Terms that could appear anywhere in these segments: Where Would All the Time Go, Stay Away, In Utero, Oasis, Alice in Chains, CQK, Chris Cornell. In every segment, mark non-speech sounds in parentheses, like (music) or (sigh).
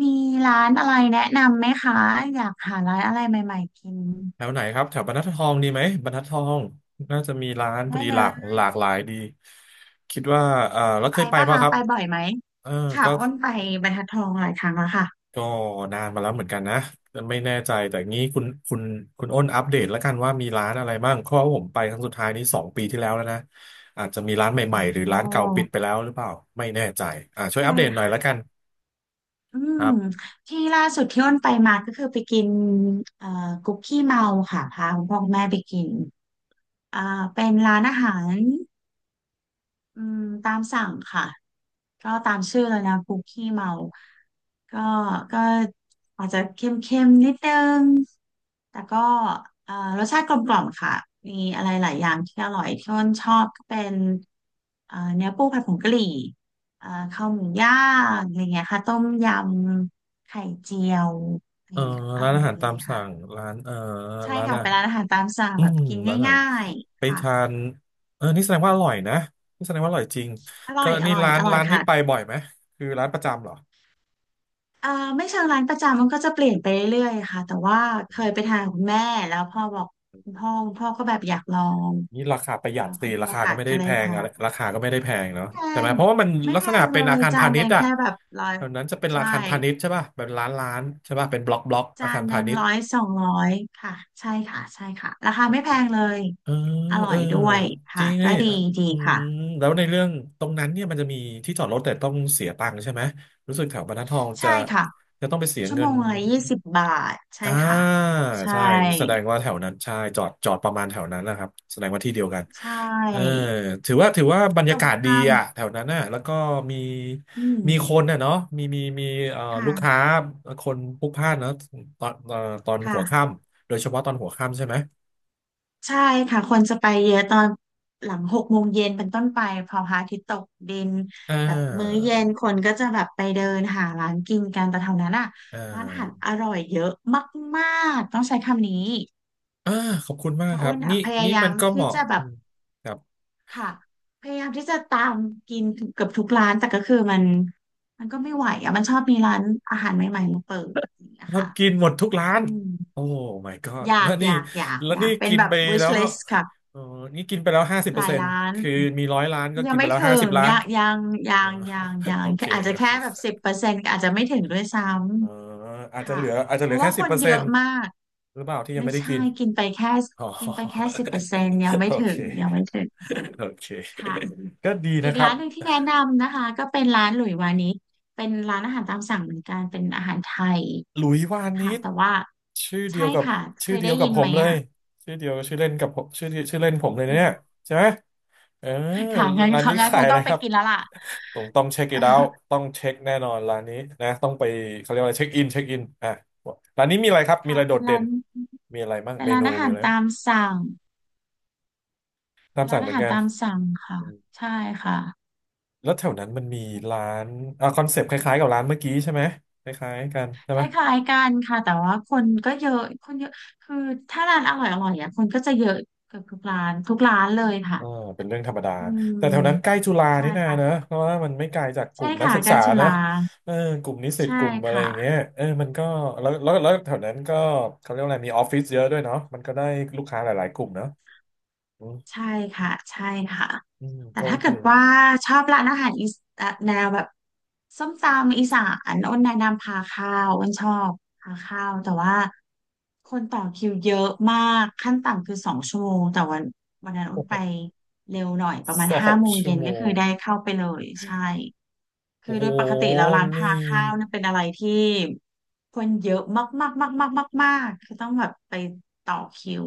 มีร้านอะไรแนะนำไหมคะอยากหาร้านอะไรใหม่ๆกินแถวไหนครับแถวบรรทัดทองดีไหมบรรทัดทองน่าจะมีร้านพอได้ดีเลหลากยหลากหลายดีคิดว่าเออไปแล้วไปเคยไปปะป่ะคะครับไปบ่อยไหมเออค่ะก็อ้นไปบรรทัดทองหลายครั้งแล้วค่ะก็นานมาแล้วเหมือนกันนะไม่แน่ใจแต่งี้คุณคุณอ้นอัปเดตแล้วกันว่ามีร้านอะไรบ้างเพราะว่าผมไปครั้งสุดท้ายนี้สองปีที่แล้วแล้วนะอาจจะมีร้านใหม่ๆหรือร้านเก่าโอ้ปิดไปแล้วหรือเปล่าไม่แน่ใจช่วยใช่อัปเดตหน่อยค่ะแล้วกันอืคมรับที่ล่าสุดที่อ้นไปมาก็คือไปกินเอ่อคุกกี้เมาค่ะพาคุณพ่อคุณแม่ไปกินอ่าเป็นร้านอาหารอืมตามสั่งค่ะ ก็ตามชื่อเลยนะคุกขี้เมาก็ก็อาจจะเค็มๆนิดนึงแต่ก็เอ่อรสชาติกลมกล่อมค่ะ มีอะไรหลายอย่างที่อร่อยที่อ้นชอบก็เป็นเนื้อปูผัดผงกะหรี่ข้าวหมูย่างอะไรเงี้ยค่ะต้มยำไข่เจียวอะไรเออเงี้ยอร้านร่ออายหารดีตามสั่งค่ะ ร้านเออใช่ร้านค่ะอ่ะ เป็นร้านอาหารตามสั่งอืแบบมกินร้านอาหารง่ายไปๆค่ะทานเออนี่แสดงว่าอร่อยนะนี่แสดงว่าอร่อยจริงอร่ก็อยอนี่ร่อยร้านอร่อยร้านนี้ค่ะ ไปบ่อยไหมคือร้านประจำเหรอเอ่อไม่เชิงร้านประจำมันก็จะเปลี่ยนไปเรื่อยๆค่ะแต่ว่าเคยไปทานกับคุณแม่แล้วพ่อบอกคุณพ่อก็แบบอยากลองนี่ราคาประหยัดสิเขามีราโอคากาก็สไม่ได้ก็เลแพยงพาอะไรไปราคาก็ไม่ได้แพงเนาะไม่แพใช่ไหมงเพราะว่ามันไม่ลักแพษณะงเลเป็นอายคารจาพานหณิชนึ่งย์อะแค่แบบร้อยแถวนั้นจะเป็นอาใช่คารพาณิชย์ใช่ป่ะเป็นร้านใช่ป่ะเป็นบล็อกอาจานคารหพานึ่งณิชย์ร้อยสองร้อยค่ะใช่ค่ะราคาไม่แพงเลยเอออร่เอออยด้วยจริค่ะงก็นี่ดีดีอืค่ะมแล้วในเรื่องตรงนั้นเนี่ยมันจะมีที่จอดรถแต่ต้องเสียตังค์ใช่ไหมรู้สึกแถวบรรทัดทองจะใช่ค่ะจะต้องไปเสียชั่วเงิโมน งละ20 บาทใช่ค่ะอ่าใช่ใช่แสดงว่าแถวนั้นใช่จอดประมาณแถวนั้นนะครับแสดงว่าที่เดียวกันใชเออ่ถือว่าบรรตยารงกาศดีข้ามอ่ะแถวนั้นน่ะแล้วก็มีอืม มีคนน่ะเนาะมีค่ะลูกค้าคนพลุกพล่านเนาะตอนตอนค่ะหัวค่ำโดยเฉพาะตอนหัวค่ำใช่ไหมใช่ค่ะคนจะไปเยอะตอนหลัง6 โมงเย็นเป็นต้นไปพอพระอาทิตย์ตกดินอ่แบบมื้อาเย็นคนก็จะแบบไปเดินหาร้านกินกันแต่แถวนั้นอ่ะอ่ร้านอาหาราอร่อยเยอะมากๆต้องใช้คำนี้อ่าขอบคุณมาพกระครัอ้บวนอ่ะนี่พยานี่ยามันมก็เหที่มาะจะแบอืบมครับ ค่ะพยายามที่จะตามกินเกือบทุกร้านแต่ก็คือมันก็ไม่ไหวอ่ะมันชอบมีร้านอาหารใหม่ๆมาเปิดคนะรับคะกินหมดทุกร้าอืนมโอ้ my god อยาแล้วกนี่อยากอยากแล้วอยานี่กเป็นกินแบบ ไปแล้ wish ว list ค่ะเออนี่กินไปแล้วห้าสิบหเปอร์ลายเซ็นต์ร้าน คือมีร้อยล้านก็ยักิงนไปไม่แล้วห้าถึสิบงล้านยังยังเอยัอ งยังยั (laughs) โองเคแค่อาจจะแค่แบบสิบเปอร์เซ็นต์อาจจะไม่ถึงด้วยซ้เอออาำจจะเหค่ะลืออาจจะเพเหลือราะว่าแค่คสิบนเปอร์เยเซ็นอะต์มากหรือเปล่าที่ยังไม่ไม่ได้ใช่กิน กินไปแค่ (laughs) อ๋อกินไปแค่สิบเปอร์เซ็นต์ยังไม่โอถึเคงยังไม่ถึงโอเคค่ะก็ดีอีนะกครัร้าบ นหนึ่งที่แนะนำนะคะก็เป็นร้านหลุยวานิชเป็นร้านอาหารตามสั่งเหมือนกันเป็นอาหารไทยหลุยวานิค่ะชแต่ว่าชื่อเดีใช่ยวกับค่ะเคชื่อยเดีได้ยวกัยิบนผไหมมเลยอ่ะชื่อเดียวชื่อเล่นกับผมชื่อเดียวชื่อเล่นผมเลยนะเนี่ยใช่ไหมเออค่ะงั้นร้านนี้งั้นขาคยงอะต้ไรองไปครับกินแล้วล่ะ ต้องเช็คอีกแล้วต้องเช็คแน่นอนร้านนี้นะต้องไปเขาเรียกว่าอะไรเช็คอินอ่ะร้านนี้มีอะไรครับ (laughs) มีค่ะอะไรโดเป็นดเด่ร้านนมีอะไรบ้างเป็นเมร้านนูอามีหารอะไรบ้างตามสั่ง ตามร้าสั่นงเหอามือนหารกันตามสั่งค่ะอืมใช่ค่ะแล้วแถวนั้นมันมีร้านอ่ะคอนเซปต์คล้ายๆกับร้านเมื่อกี้ใช่ไหมคล้ายๆกันใช่คไหลม ้ายๆกันค่ะแต่ว่าคนก็เยอะคนเยอะคือถ้าร้านอร่อยอร่อยอ่ะคนก็จะเยอะเกือบทุกร้านทุกร้านเลยค่ะเออเป็นเรื่องธรรมดาอืแต่แถวนั้นใกล้มจุฬาใช่นี่นาเนอะค่ะเพราะว่ามันไม่ไกลจากกลุ่ใช่มนักค่ะศึกใกล้ษาจุนะฬาเออกลุ่มนิสิตใช่กลุ่มอะไรค่ะ อย่างเงี้ยเออมันก็แล้วแถวนั้นก็เขาเรียกว่าอะไรมีออฟฟิศเยอะด้วยเนาะมันก็ได้ลูกค้าหลายๆกลุ่มเนาะอืมใช่ค่ะใช่ค่ะอืมแต่ก็โอถ้าเคเกิดว่าชอบร้านอาหารอีสแนวแบบส้มตำอีสานอ้นแนะนำพาข้าวอ้นชอบพาข้าวแต่ว่าคนต่อคิวเยอะมากขั้นต่ำคือ2 ชั่วโมงแต่วันนั้นอ้โอ้นโหไปเร็วหน่อยประมาณสอห้างโมงชั่เย็วนโมก็คืองได้เข้าไปเลยใช่คืโอ้อโหโดยปกติแล้วร้านนี่พาข้าวเนี่ยเป็นอะไรที่คนเยอะมากมากมากมากมากๆคือต้องแบบไปต่อคิว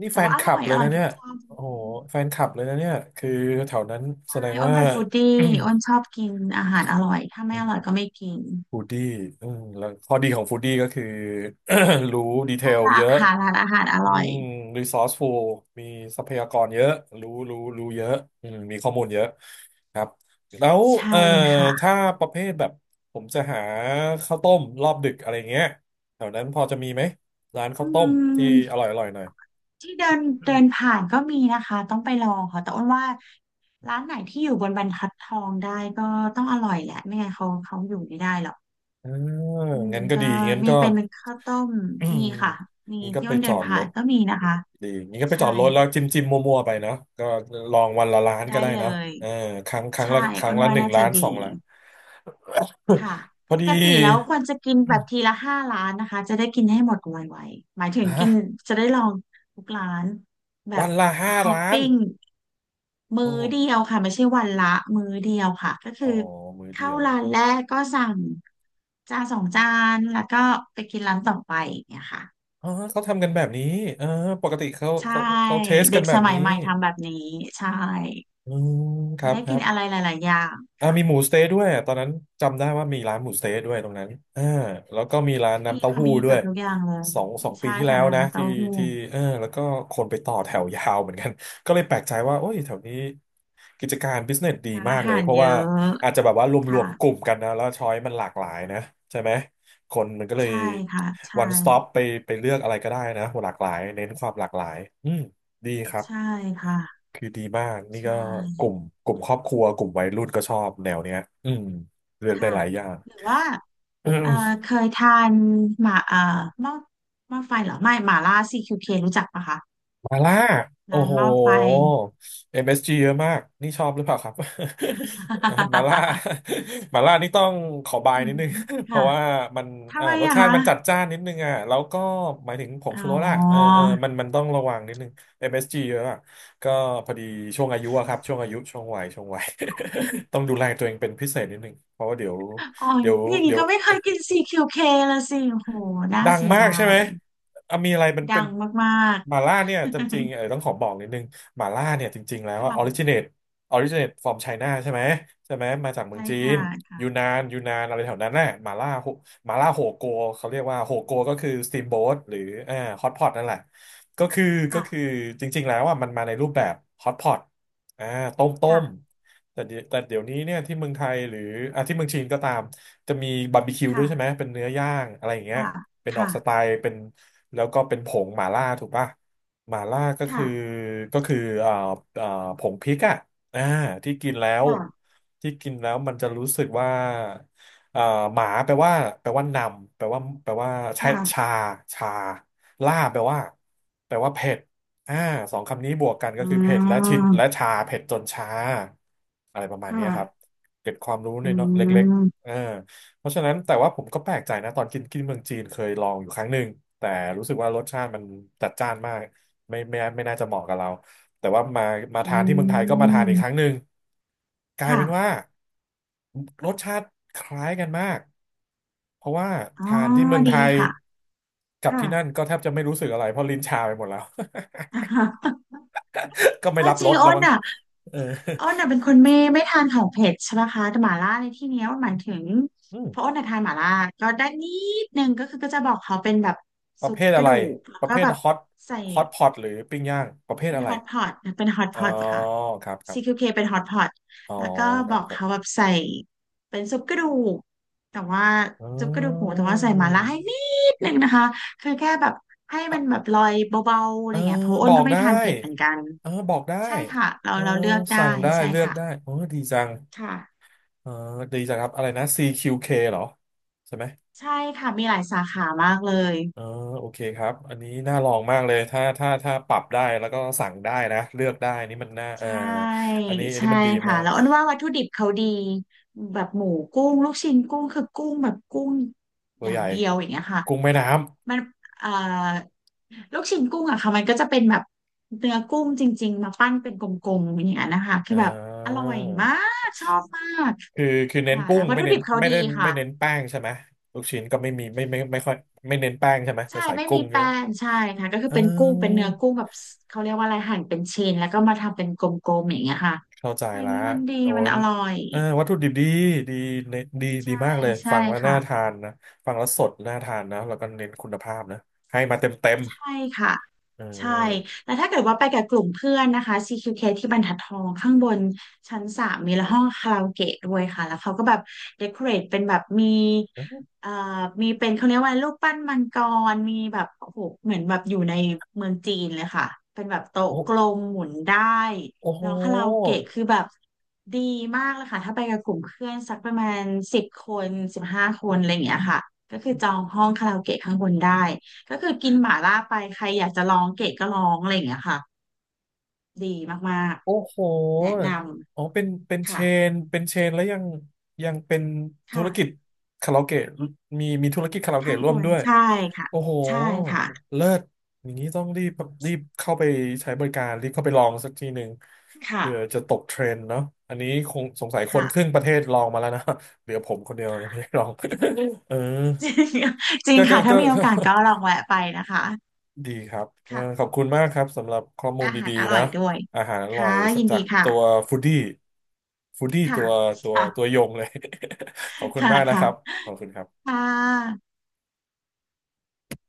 นี่แต่แฟว่านอคลัร่บอยเลอยร่อนะยทุเนี่กยจานจริงโอ้โหแฟนคลับเลยนะเนี่ยคือแถวนั้นแสดๆงใช่อ้นว่า เป็นฟู้ดดี้อ้นชอบกินอาหารอร่อยถ้าไม่อ (coughs) ร่อย (clears throat) ก็ไม่กินฟูดดี้อืมแล้วข้อดีของฟูดดี้ก็คือ (coughs) รู้ดีเทลเยอะหาร้านอาหารออืร่อยมรีซอสฟูลมีทรัพยากรเยอะรู้เยอะอืมมีข้อมูลเยอะครับแล้วใช่เอ่อถ้าค่ะประเภทแบบผมจะหาข้าวต้มรอบดึกอะไรเงี้ยแถวนั้นพอจะมีไหมร้านข้าอืวต้มที่อร่มอยอร่อยหน่อยที่เดินเดินผ่านก็มีนะคะต้องไปลองค่ะแต่อ้นว่าร้านไหนที่อยู่บนบรรทัดทองได้ก็ต้องอร่อยแหละไม่งั้นเขาอยู่ไม่ได้หรอกอืมเงั้นก็ก็ดีงั้นมีก็ เป็นข้าวต้ม (coughs) มีค่ะมี (clears throat) นี่ก็ที่ไปอ้นจเดิอนดรผ่านถ ก็มีนะคะดีงี้ก็ไปจใช่อดรถแล้วจิ้มมั่วๆไปเนาะก็ลองวันละล้านก็ได้ได้เลเนาะยเออใช่ครั้อ้งนละว่าหนึ่งน่าจะล้านสอดี งล้าน ค่ะ (laughs) พอปดีกติแล้วควรจะกินอืแบบทีมละ5 ร้านนะคะจะได้กินให้หมดไวๆหมายถึงกิฮะนจะได้ลองทุกร้านแบวับนละห้าฮอปล้านปิ้งมื้โอ้อโหเดียวค่ะไม่ใช่วันละมื้อเดียวค่ะก็อ๋คืออมือเดีเข้ายวร้านแรกก็สั่งจานสองจานแล้วก็ไปกินร้านต่อไปอย่างเนี่ยค่ะอ๋อเขาทำกันแบบนี้เออปกติใช่เขาเทสเด็กันกแบสบมันี้ยใหม่ทำแบบนี้ใช่อืมคจะรับได้คกิรันบ อะไรหลายๆอย่างอ่าค่ะมีหมูสเต๊ะด้วยอะตอนนั้นจำได้ว่ามีร้านหมูสเต๊ะด้วยตรงนั้นอ่าแล้วก็มีร้านมีน้ำเต้าค่ะหู้มีด้เกืวอยบทุกอย่างเลยสองปีใช่ที่แล้ค่ะวนานะนาที่เต้าหู้ ที่เออแล้วก็คนไปต่อแถวยาวเหมือนกัน (laughs) ก็เลยแปลกใจว่าโอ้ยแถวนี้กิจการบิสเนสดีร้านมาอากเลหายรเพราะเยว่าอะอาจจะแบบว่ารวค่ะมๆกลุ่มกันนะแล้วช้อยมันหลากหลายนะใช่ไหมคนมันก็เลย ใช่ค่ะใช่ one stop ไปไปเลือกอะไรก็ได้นะหลากหลายเน้นความหลากหลายอืมดีครับ ใช่ค่ะคือดีมากนี่ใช่ก็กลุ่มกลุ่มครอบครัวกลุ่มวัยรุ่นก็ชอบแนวเนี้ยอืมเลือกได้ค่ะหลายอย่าง หรือว่าเอ่อเคยทานหมาหม้อหม้อไฟเหรอไม่หม่าล่า CQK รู้จักปะคะมาล่าร้าโอ้นโห หม้อไฟ MSG เอสจีเยอะมากนี่ชอบหรือเปล่าครับ (laughs) มาล่า (laughs) มาล่านี่ต้องขอบายอืนิดมนึง (laughs) เพค่ะราะว่ามันทำไมรสอะชาติคะมันจัดจ้านนิดนึงอ่ะแล้วก็หมายถึงผงอ๋อชูรสอ่ะเออมันต้องระวังนิดนึง MSG เอสจีเยอะอะก็พอดีช่วงอายุอะครับช่วงอายุช่วงวัยช่วงวัย (laughs) ต้องดูแลตัวเองเป็นพิเศษนิดนึงเพราะว่าอ๋อเดี๋ยวอย่างนี้เดี๋ยว ก็ไม่เคยกิน CQK ละสิโหน่าดังเสียมากดาใช่ไหมยอ่ะมีอะไรมันเป็ดันงมากๆ หม่าล่าเนี่ยจำจริงเออต้องขอบอกนิดนึงหม่าล่าเนี่ยจริงๆแล้ว (laughs) ว่าออริจิค่ะน t e ออริจิน t ต from China ใช่ไหมมาจากเมืองใช่จีนค่ะยูค่ะนานยูนานอะไรแถวนั้นน่ะหม่าล่าโฮหม่าล่าโฮโกเขาเรียกว่าโฮโกก็คือสต a มโบ a t หรืออ่าฮอตพอตนั่นแหละก็คือก็คือค่ะจริงๆแล้วอ่ะมันมาในรูปแบบฮอตพอตอ่าต้มต้ค่ะมแต่เดี๋ยวนี้เนี่ยที่เมืองไทยหรืออ่ะที่เมืองจีนก็ตามจะมีบาร์บีคิวด้วยใช่ไหมค่ะ เป็นเนื้อย่างอะไรอย่างเงี้ย ค่ะเป็นออกสไตค่ะล์เป็นแล้วก็เป็นผงหม่าล่าถูกป่ะหม่าล่าก็คือค่ะก็คือเอ่อผงพริกอ่ะอ่าที่กินแล้วค่ะที่กินแล้วมันจะรู้สึกว่าเอ่อหมาแปลว่านำแปลว่าชาค่ะชาชาล่าแปลว่าเผ็ดอ่าสองคำนี้บวกกันก็อืคือเผ็ดและชินและมชาเผ็ดจนชาอะไรประมาคณเนี้ยครับ่ะเก็บความรู้ในอืเนาะเล็กๆมเออ เพราะฉะนั้นแต่ว่าผมก็แปลกใจนะตอนกินกินเมืองจีนเคยลองอยู่ครั้งหนึ่งแต่รู้สึกว่ารสชาติมันจัดจ้านมากไม่น่าจะเหมาะกับเราแต่ว่ามาอืทานที่เมืองไทยก็มาทานอีกครั้งหมนึ่งกลายค่ะเป็นว่ารสชาติคล้ายกันมากเพราะว่าอ๋อทานที่เมืองดีไทยค่ะกับค่ะ ที่นั่นก็แทบจะไม่รู้สึกอะไรเพราะลิ้นชาไปหมดแล้ว (laughs) อ่าฮะ (laughs) ก็ไม่เอารับจรริงสแล้อ้วนมั้งอ่ะเออเป็นคนไม่ทานของเผ็ดใช่ไหมคะแต่หม่าล่าในที่เนี้ยมันหมายถึงอืมเพราะอ้นอ่ะทานหม่าล่าก็ได้นิดนึงก็คือก็จะบอกเขาเป็นแบบประซุเภปทกอะระไรดูกแล้วประก็เภทแบบใส่ฮอตพอตหรือปิ้งย่างประเภทอะไร เป็นฮอตอ๋พออตค่ะ ครับครับ CQK เคเป็นฮอตพอตอ๋อแล้วก็คบรับอกครัเขาบแบบใส่เป็นซุปกระดูก แต่ว่าอ๋ซุปกระดูกหมูอแต่ว่าใส่หมาล่าให้นิดนึงนะคะคือแค่แบบให้มันอ่ะแบบลอยเบาๆอะเอไรอเงี้ยเพราะอ้บนอก็กไม่ได้ทานเผ็ดเหมือนกัน เออบอกได้ใช่ค่ะ เราเออเราเลือกได้สั่งได้ใช่เลือกค่ะได้โอ้ดีจังค่ะ เออดีจังครับอะไรนะ CQK เคเหรอใช่ไหมใช่ค่ะ มีหลายสาขามากเลย เออโอเคครับอันนี้น่าลองมากเลยถ้าปรับได้แล้วก็สั่งได้นะเลือกได้นี่มันน่าเออใช่อันนี้ใช่มันดีค่ะมากแล้วอ้นว่าวัตถุดิบเขาดีแบบหมูกุ้งลูกชิ้นกุ้งคือกุ้งแบบกุ้งตัอวย่าใหงญ่เดียวอย่างเงี้ยค่ะ กุ้งแม่น้ำมันเอ่อลูกชิ้นกุ้งอะค่ะมันก็จะเป็นแบบเนื้อกุ้งจริงๆมาปั้นเป็นกลมๆอย่างเงี้ยนะคะคือ่อแบบอร่อยมาา กชอบมากคือคือเน้นค่ะกุ้แล้งววัตถุดิบเขาดีค่ะไม่เน้นแป้งใช่ไหมลูกชิ้นก็ไม่มีไม่ค่อยไม่เน้นแป้งใช่ไหมแต่ใช่ใส่ไม่กุ้มีงเยแป้อะงใช่ค่ะก็คืออเป็นกุ้งเป็นเนื้อกุ้มงแบบเขาเรียกว่าอะไรหั่นเป็นชิ้นแล้วก็มาทำเป็นกลมๆอย่างเงี้ยค่ะเข้าใจวันละนี้มันดีโอ้มันยอร่อยเออวัตถุดิบดีดีเน้นดีใช่มากเลยใช่ฟังแล้วค่ะ น่าทานนะฟังแล้วสดน่าทานนะแล้วก็เน้นคุณภาพนะให้มาเต็มเต็มใช่ค่ะเอใช่อแต่ถ้าเกิดว่าไปกับกลุ่มเพื่อนนะคะ CQK ที่บรรทัดทองข้างบนชั้น 3มีห้องคาราโอเกะด้วยค่ะแล้วเขาก็แบบเดคอเรทเป็นแบบมีเอ่อมีเป็นเขาเรียกว่าอะไรรูปปั้นมังกรมีแบบโอ้โหเหมือนแบบอยู่ในเมืองจีนเลยค่ะเป็นแบบโต๊ะโอ้กลมหมุนได้โอ้โห แล้วคาราโอเกะคือแบบดีมากเลยค่ะถ้าไปกับกลุ่มเพื่อนสักประมาณ10 คน15 คนอะไรอย่างเงี้ยค่ะก็คือจองห้องคาราโอเกะข้างบนได้ ก็คือกินหม่าล่าไปใครอยากจะลองเกรดก็ลองอะไรอย่างเงี้ยค่ะดีมากโอ้โหๆแนะนอ๋อำเชค่ะนเป็นเชนแล้วยังยังเป็นธุค่ะรกิจคาราโอเกะมีธุรกิจคาราโอข้าเกะงร่บวมนด้วย ใช่ค่ะโอ้โห ใช่ค่ะเลิศอย่างนี้ต้องรีบเข้าไปใช้บริการรีบเข้าไปลองสักทีหนึ่งค่ะเพื่อจะตกเทรนด์เนาะอันนี้คงสงสัยคนค่ะ ครึ่งประเทศลองมาแล้วนะ (laughs) เหลือผมคนเดียวยังไม่ได้ลอง (laughs) เออ (laughs) จริงจริงก็ก็ค่ะถ้าก็ มีโอกาสก็ลองแวะไปนะคะดีครับขอบค่ะคุณมากครับสำหรับข้อมูลอาหารดีอๆร่นะอยด้วยอาหารอร่อค่ะยสักยินจาดีกค่ะตัวฟู้ดี้ค่ะตัวตัวค่ะยงเลย (laughs) ขอบคุณค่ะมากนะคค่ะรับ ขอบคุณครับค่ะ